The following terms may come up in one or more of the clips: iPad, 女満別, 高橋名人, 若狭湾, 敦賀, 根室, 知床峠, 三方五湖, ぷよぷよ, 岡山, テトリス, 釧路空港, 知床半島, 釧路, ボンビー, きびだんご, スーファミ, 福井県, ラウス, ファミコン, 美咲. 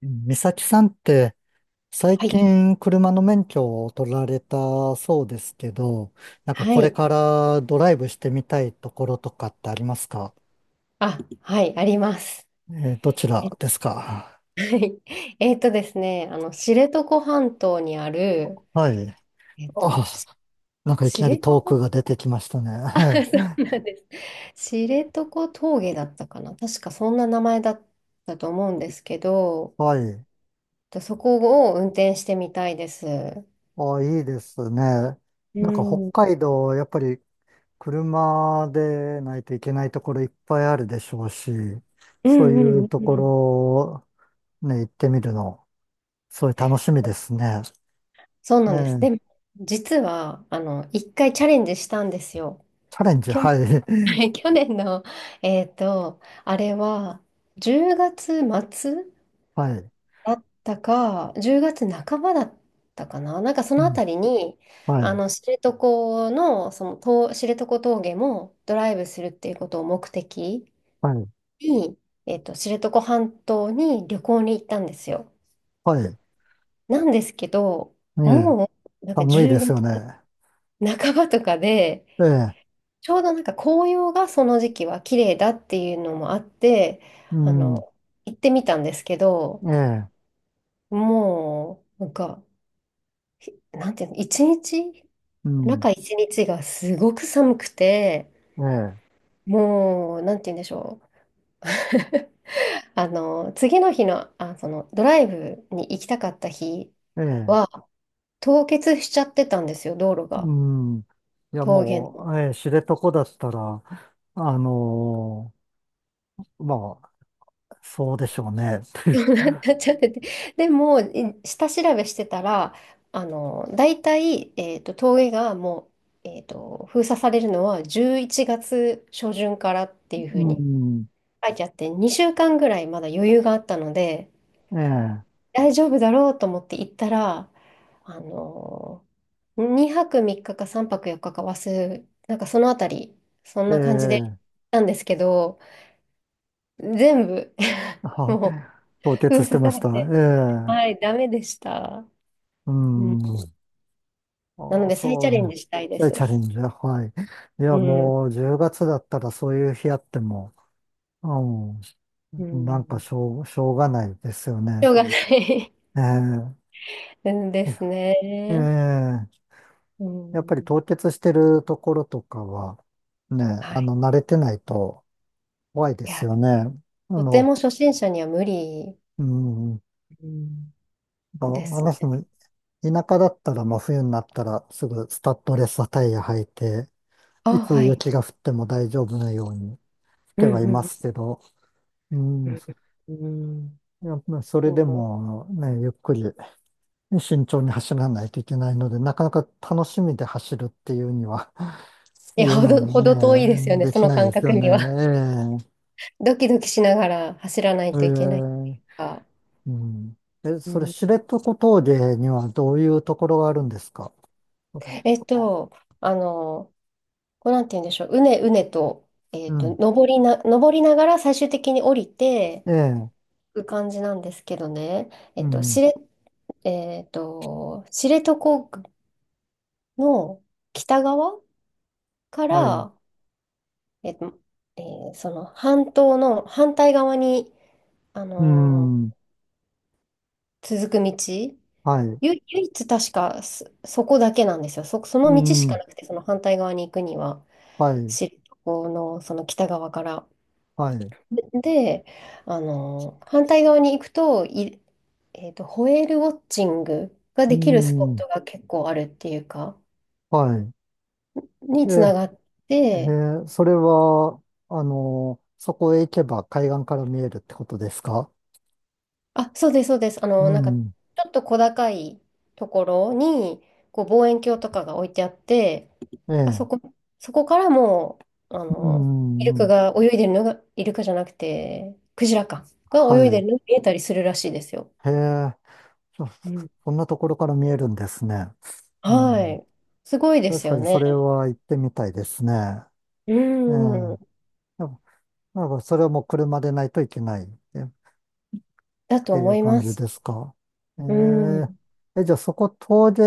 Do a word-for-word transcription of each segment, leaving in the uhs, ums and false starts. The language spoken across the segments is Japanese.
美咲さんって最はい。近車の免許を取られたそうですけど、なんかはこれい。からドライブしてみたいところとかってありますか？あ、はい、あります。えー、どちらえ、ですか？はい。えっとですね、あの、知床半島にある、はい。えっと、あ、しなんかいきな知り床 トークが 出てきましたあ、そね。う なんです。知床峠だったかな。確かそんな名前だったと思うんですけど、はい。えっとそこを運転してみたいです。あ、いいですね。うなんか北ん。うん海道、やっぱり車でないといけないところいっぱいあるでしょうし、うそうんいううとこん。ろね、行ってみるの、そういう楽しみですね。そうえなんです。え、でも、実は、あの、一回チャレンジしたんですよ。チャレンジ、はい。は い、去年の、えっと、あれは、じゅうがつ末はい。だったか、じゅうがつなかばだったかな。なんかそうのあん、たりに、はあい。の、知床の、その、と知床峠もドライブするっていうことを目的はい。に、えっと、知床半島に旅行に行ったんですよ。はい。なんですけど、ええ、もう、なんか寒いで10すよ月ね。半ばとかで、ええ、ちょうどなんか紅葉がその時期は綺麗だっていうのもあって、うあん。の、行ってみたんですけど、ええ、もう、なんか、ひなんていうの、一日、うん。中一日がすごく寒くて、えもう、なんていうんでしょう。あの、次の日の、あ、その、ドライブに行きたかった日え、ええ、は、凍結しちゃってたんですよ、道路が。うん。いや、峠 もう、ええ、知床だったら、あのーまあ、そうでしょうね。なっちゃってて。でも、い下調べしてたら、あの、大体、えっと、峠がもう、えっと、封鎖されるのはじゅういちがつ初旬からっていう ふううにん。書いてあって、にしゅうかんぐらいまだ余裕があったので、え大丈夫だろうと思って行ったら、あの、にはくみっかかさんぱくよっかかか忘れ、なんかそのあたり、そんえ、えな感じで行っえ、たんですけど、全部 は、もう凍封結して鎖まさしれた。て、えはい、ダメでした。え、ううん、ん。なあのあ、で再チそャレンう、ジしたいでそういうチャす。レンジだ。はい。いうや、ん。もうじゅうがつだったらそういう日あっても、ううん、なんかん。しょう、しょうがないですよしね。ょうがない え うんですええね。え、うやっぱりん。凍結してるところとかは、ね、はあい。の、慣れてないと怖いでいすや、よね。あとての、も初心者には無理うん、うんあ、です私ね。も田舎だったら真冬になったらすぐスタッドレスタイヤ履いて、あ、いつはい。雪が降っても大丈夫なようにしうてはいまんすけど、ううん、んそうん。うんうん。いやまあそれでもね、ゆっくりね、慎重に走らないといけないので、なかなか楽しみで走るっていうには、いいや、うほのをど、ほど遠いですよね、ね、でそきのない感です覚よには。ね。ドキドキしながら走らなえいええとえ、いけないっていうか。うん。え、うそれ、ん、知床峠にはどういうところがあるんですか、それ。えっと、あの、こうなんて言うんでしょう。うねうねと、えうっと、ん。登りな、登りながら最終的に降りてええ、いく感じなんですけどね。えうっと、ん。知れ、えっと、知床の北側かはい。ら、えっと、えーその半島の反対側に、あうのん。ー続く道。はい。ゆ、唯一確かそ、そこだけなんですよ。そ、そうの道しかん。なくて、その反対側に行くには、はい。知床のその北側から。はい。で、あの、反対側に行くと、い、えっと、ホエールウォッチングがうできるスポッん。トが結構あるっていうか、はい。にええつながっえて、ー、それは、あの、そこへ行けば海岸から見えるってことですか？あ、そうです、そうです。あうの、なんか、ちん。ょっと小高いところに、こう、望遠鏡とかが置いてあって、えあ、そえ。こ、そこからもう、あうの、イルん。うカん、が泳いでるのが、イルカじゃなくて、クジラか、が泳いではるのが見えたりするらしいですよ。い。へえ。そ、うん、そんなところから見えるんですね。うはん。い。すごいです確かよにそね。れは行ってみたいですね。うえん。え。やっぱ、なんかそれはもう車でないといけないえっだとてい思うい感まじす。ですか。えうん。え。え、じゃあそこ遠出、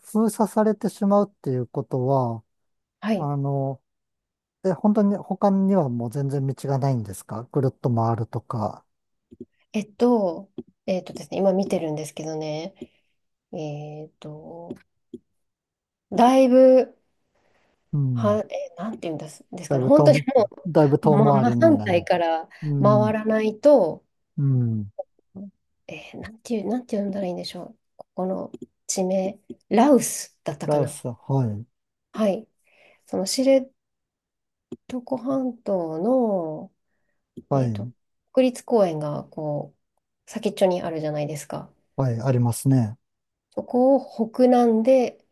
封鎖されてしまうっていうことは、はい。あの、え、本当に他にはもう全然道がないんですか、ぐるっと回るとか。えっと、えっとですね、今見てるんですけどね、えっと、だいぶ、うん。は、え、なんて言うんですですだかいね、ぶ本当に遠、もだいぶう、遠ま、回真りに反な対る。からう回ん。らないと、うん。えーなんていう、なんて呼んだらいいんでしょう。ここの地名、ラウスだったかラオな。ス、はい。はい。その知床半島の、はえーと、い。国立公園がこう、先っちょにあるじゃないですか。はい。ありますね。そこを北南で、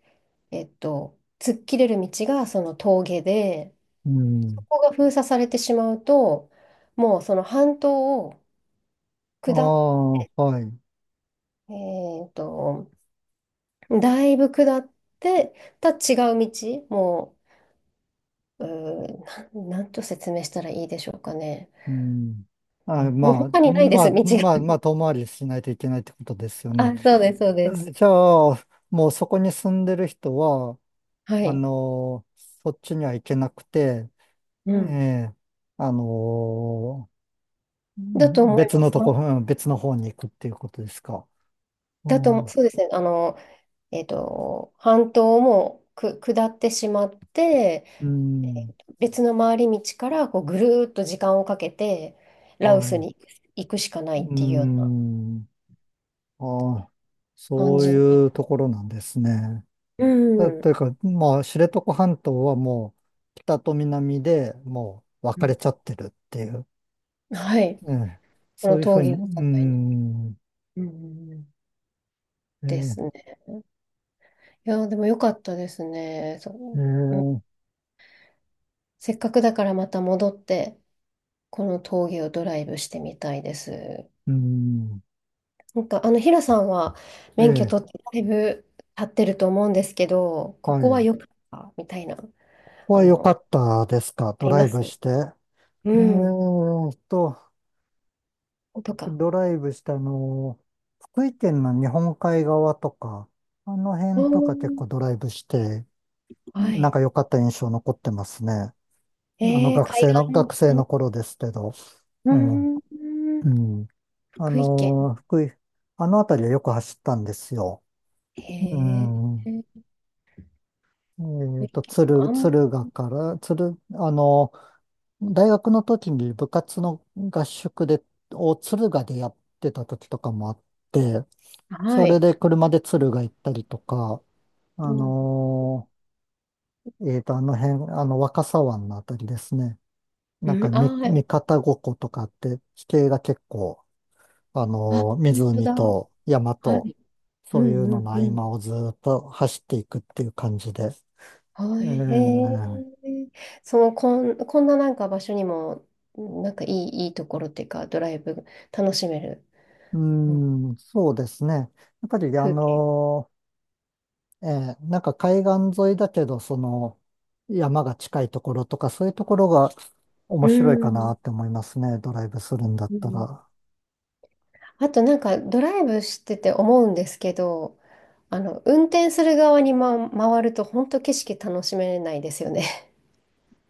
えっと、突っ切れる道がその峠で、うそん。こが封鎖されてしまうと、もうその半島をああ、下っ、はい。えっと、だいぶ下ってた違う道、もう、うーなん、なんと説明したらいいでしょうかね。うん。あ、もうま他あ、にないでます、あ、道まあ、が。まあ、遠回りしないといけないってことですよあ、ね。そうです、そうです。え、じゃあ、もうそこに住んでる人は、はあい。の、そっちには行けなくて、うえん。え、あの、うだとん思い別まのす。とはこ、い、うん別の方に行くっていうことですか。うだと、ん、そうですね。あの、えっと、半島もく下ってしまって、うん、別の回り道からこうぐるーっと時間をかけてラウはスい。に行くしかなういっていうようなん、ああ、感そうじに。いうところなんですね。うだというん。か、まあ、知床半島はもう、北と南でもう分うかれん。ちゃってるっていう、はい。ええ、こそのういうふう峠に、をう境に、ん、うん、ですええね。いやー、でも良かったですね。そう、うん。ええ、せっかくだからまた戻って、この峠をドライブしてみたいです。うん、なんか、あの、ヒラさんは免許え取っえ、てだいぶ経ってると思うんですけど、こはい。こは良こかったみたいな、こあは良かの、ったですか、あドりラまイブす。して。えうえん。と、とか。ドライブしたあの、福井県の日本海側とか、あの辺うとか結ん。構ドライブして、はなんい。か良かった印象残ってますね。あのえー、学海生の、学生の岸、頃ですけど。ううん。ん、うん、うん。あ福井県。の、福井、あの辺りはよく走ったんですよ。へうえ、ん。福え井っと、県敦、か。あんまり、敦賀から、敦、あの、大学の時に部活の合宿で、を敦賀でやってた時とかもあって、はそれい。で車で敦賀行ったりとか、うあん、のーえーと、あの辺、あの若狭湾のあたりですね。あなんかみ、三ー、方五湖とかって地形が結構、ああ、のー本当湖だ。と山はと、い。うそういうん、うのん、のう合ん。間をずーっと走っていくっていう感じで。はえい、へー、え。その、こん、こんななんか場所にも、なんかいい、いいところっていうか、ドライブ楽しめる、うーうん、ん、そうですね。やっぱり、あ風景。のーええ、なんか海岸沿いだけど、その山が近いところとか、そういうところが面う白いかなん、って思いますね、ドライブするんだっうたん、ら。あとなんかドライブしてて思うんですけど、あの、運転する側に、ま、回ると本当景色楽しめないですよね。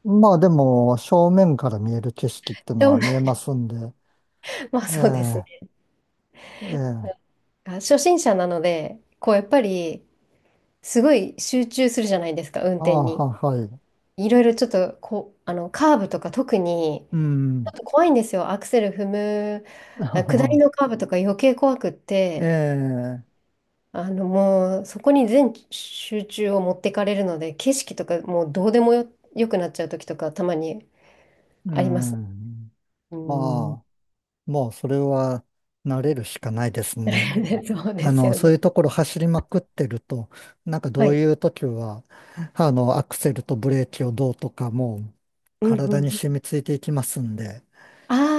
まあでも、正面から見える景色って でのはも見えますんで、まあえそうですえ、ね。ええ、あ、初心者なので、こうやっぱりすごい集中するじゃないですか、運あ転あ、に。は、はい、いろいろちょっとこう、あの、カーブとか特に、うちょん、っと怖いんですよ。アクセル踏む、あ、下り のカーブとか余計怖くっえて、え、あのもうそこに全集中を持ってかれるので、景色とかもうどうでもよ、よくなっちゃう時とかたまにうあります。ん、うん。まあ、もうそれは慣れるしかないですね。そうあですの、よそういね。うところ走りまくってると、なんかどはうい。いう時は、あの、アクセルとブレーキをどうとかもううんう体んにう染ん。みついていきますんで、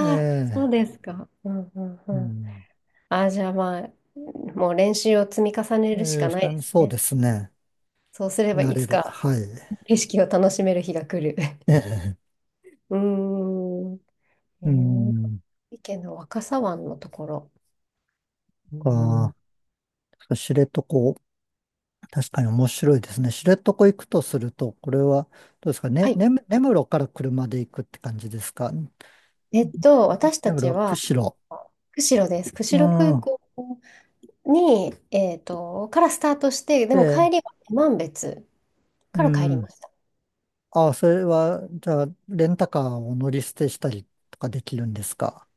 えあ、そうえ、ですか。うんうんううん。ん、ああ、じゃあまあ、もう練習を積み重ねるしえかえ、しないかでもすそうね。ですね、そうすれば慣いれつる。かはい。景色を楽しめる日が来る。ええ、 うーん。えうー、ん、意見の若狭湾のところ。うか、ん、知床、確かに面白いですね。知床行くとすると、これは、どうですかはね、い。ね、根室から車で行くって感じですか？えっと、私た根ちは、室、釧路。釧路です。う釧路空ん。港に、えっと、からスタートして、でもで、帰りは女満別うから帰りん。ました。ああ、それは、じゃあ、レンタカーを乗り捨てしたりとかできるんですか？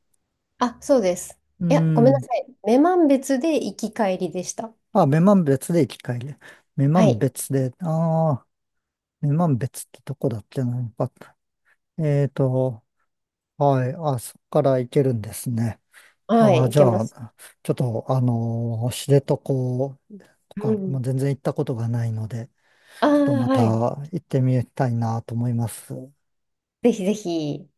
あ、そうです。ういや、ごめんなん。さい。女満別で行き帰りでした。あ、女満別で行き帰り。女は満い。別で、ああ、女満別ってどこだっけな。やっぱえーと、はい。あ、そこから行けるんですね。はあい、あ、行じけまゃす。あ、ちょっと、あのー知床とうか、もん。う全然行ったことがないので、ああ、ちょっとまたはい。行ってみたいなと思います。ぜひぜひ。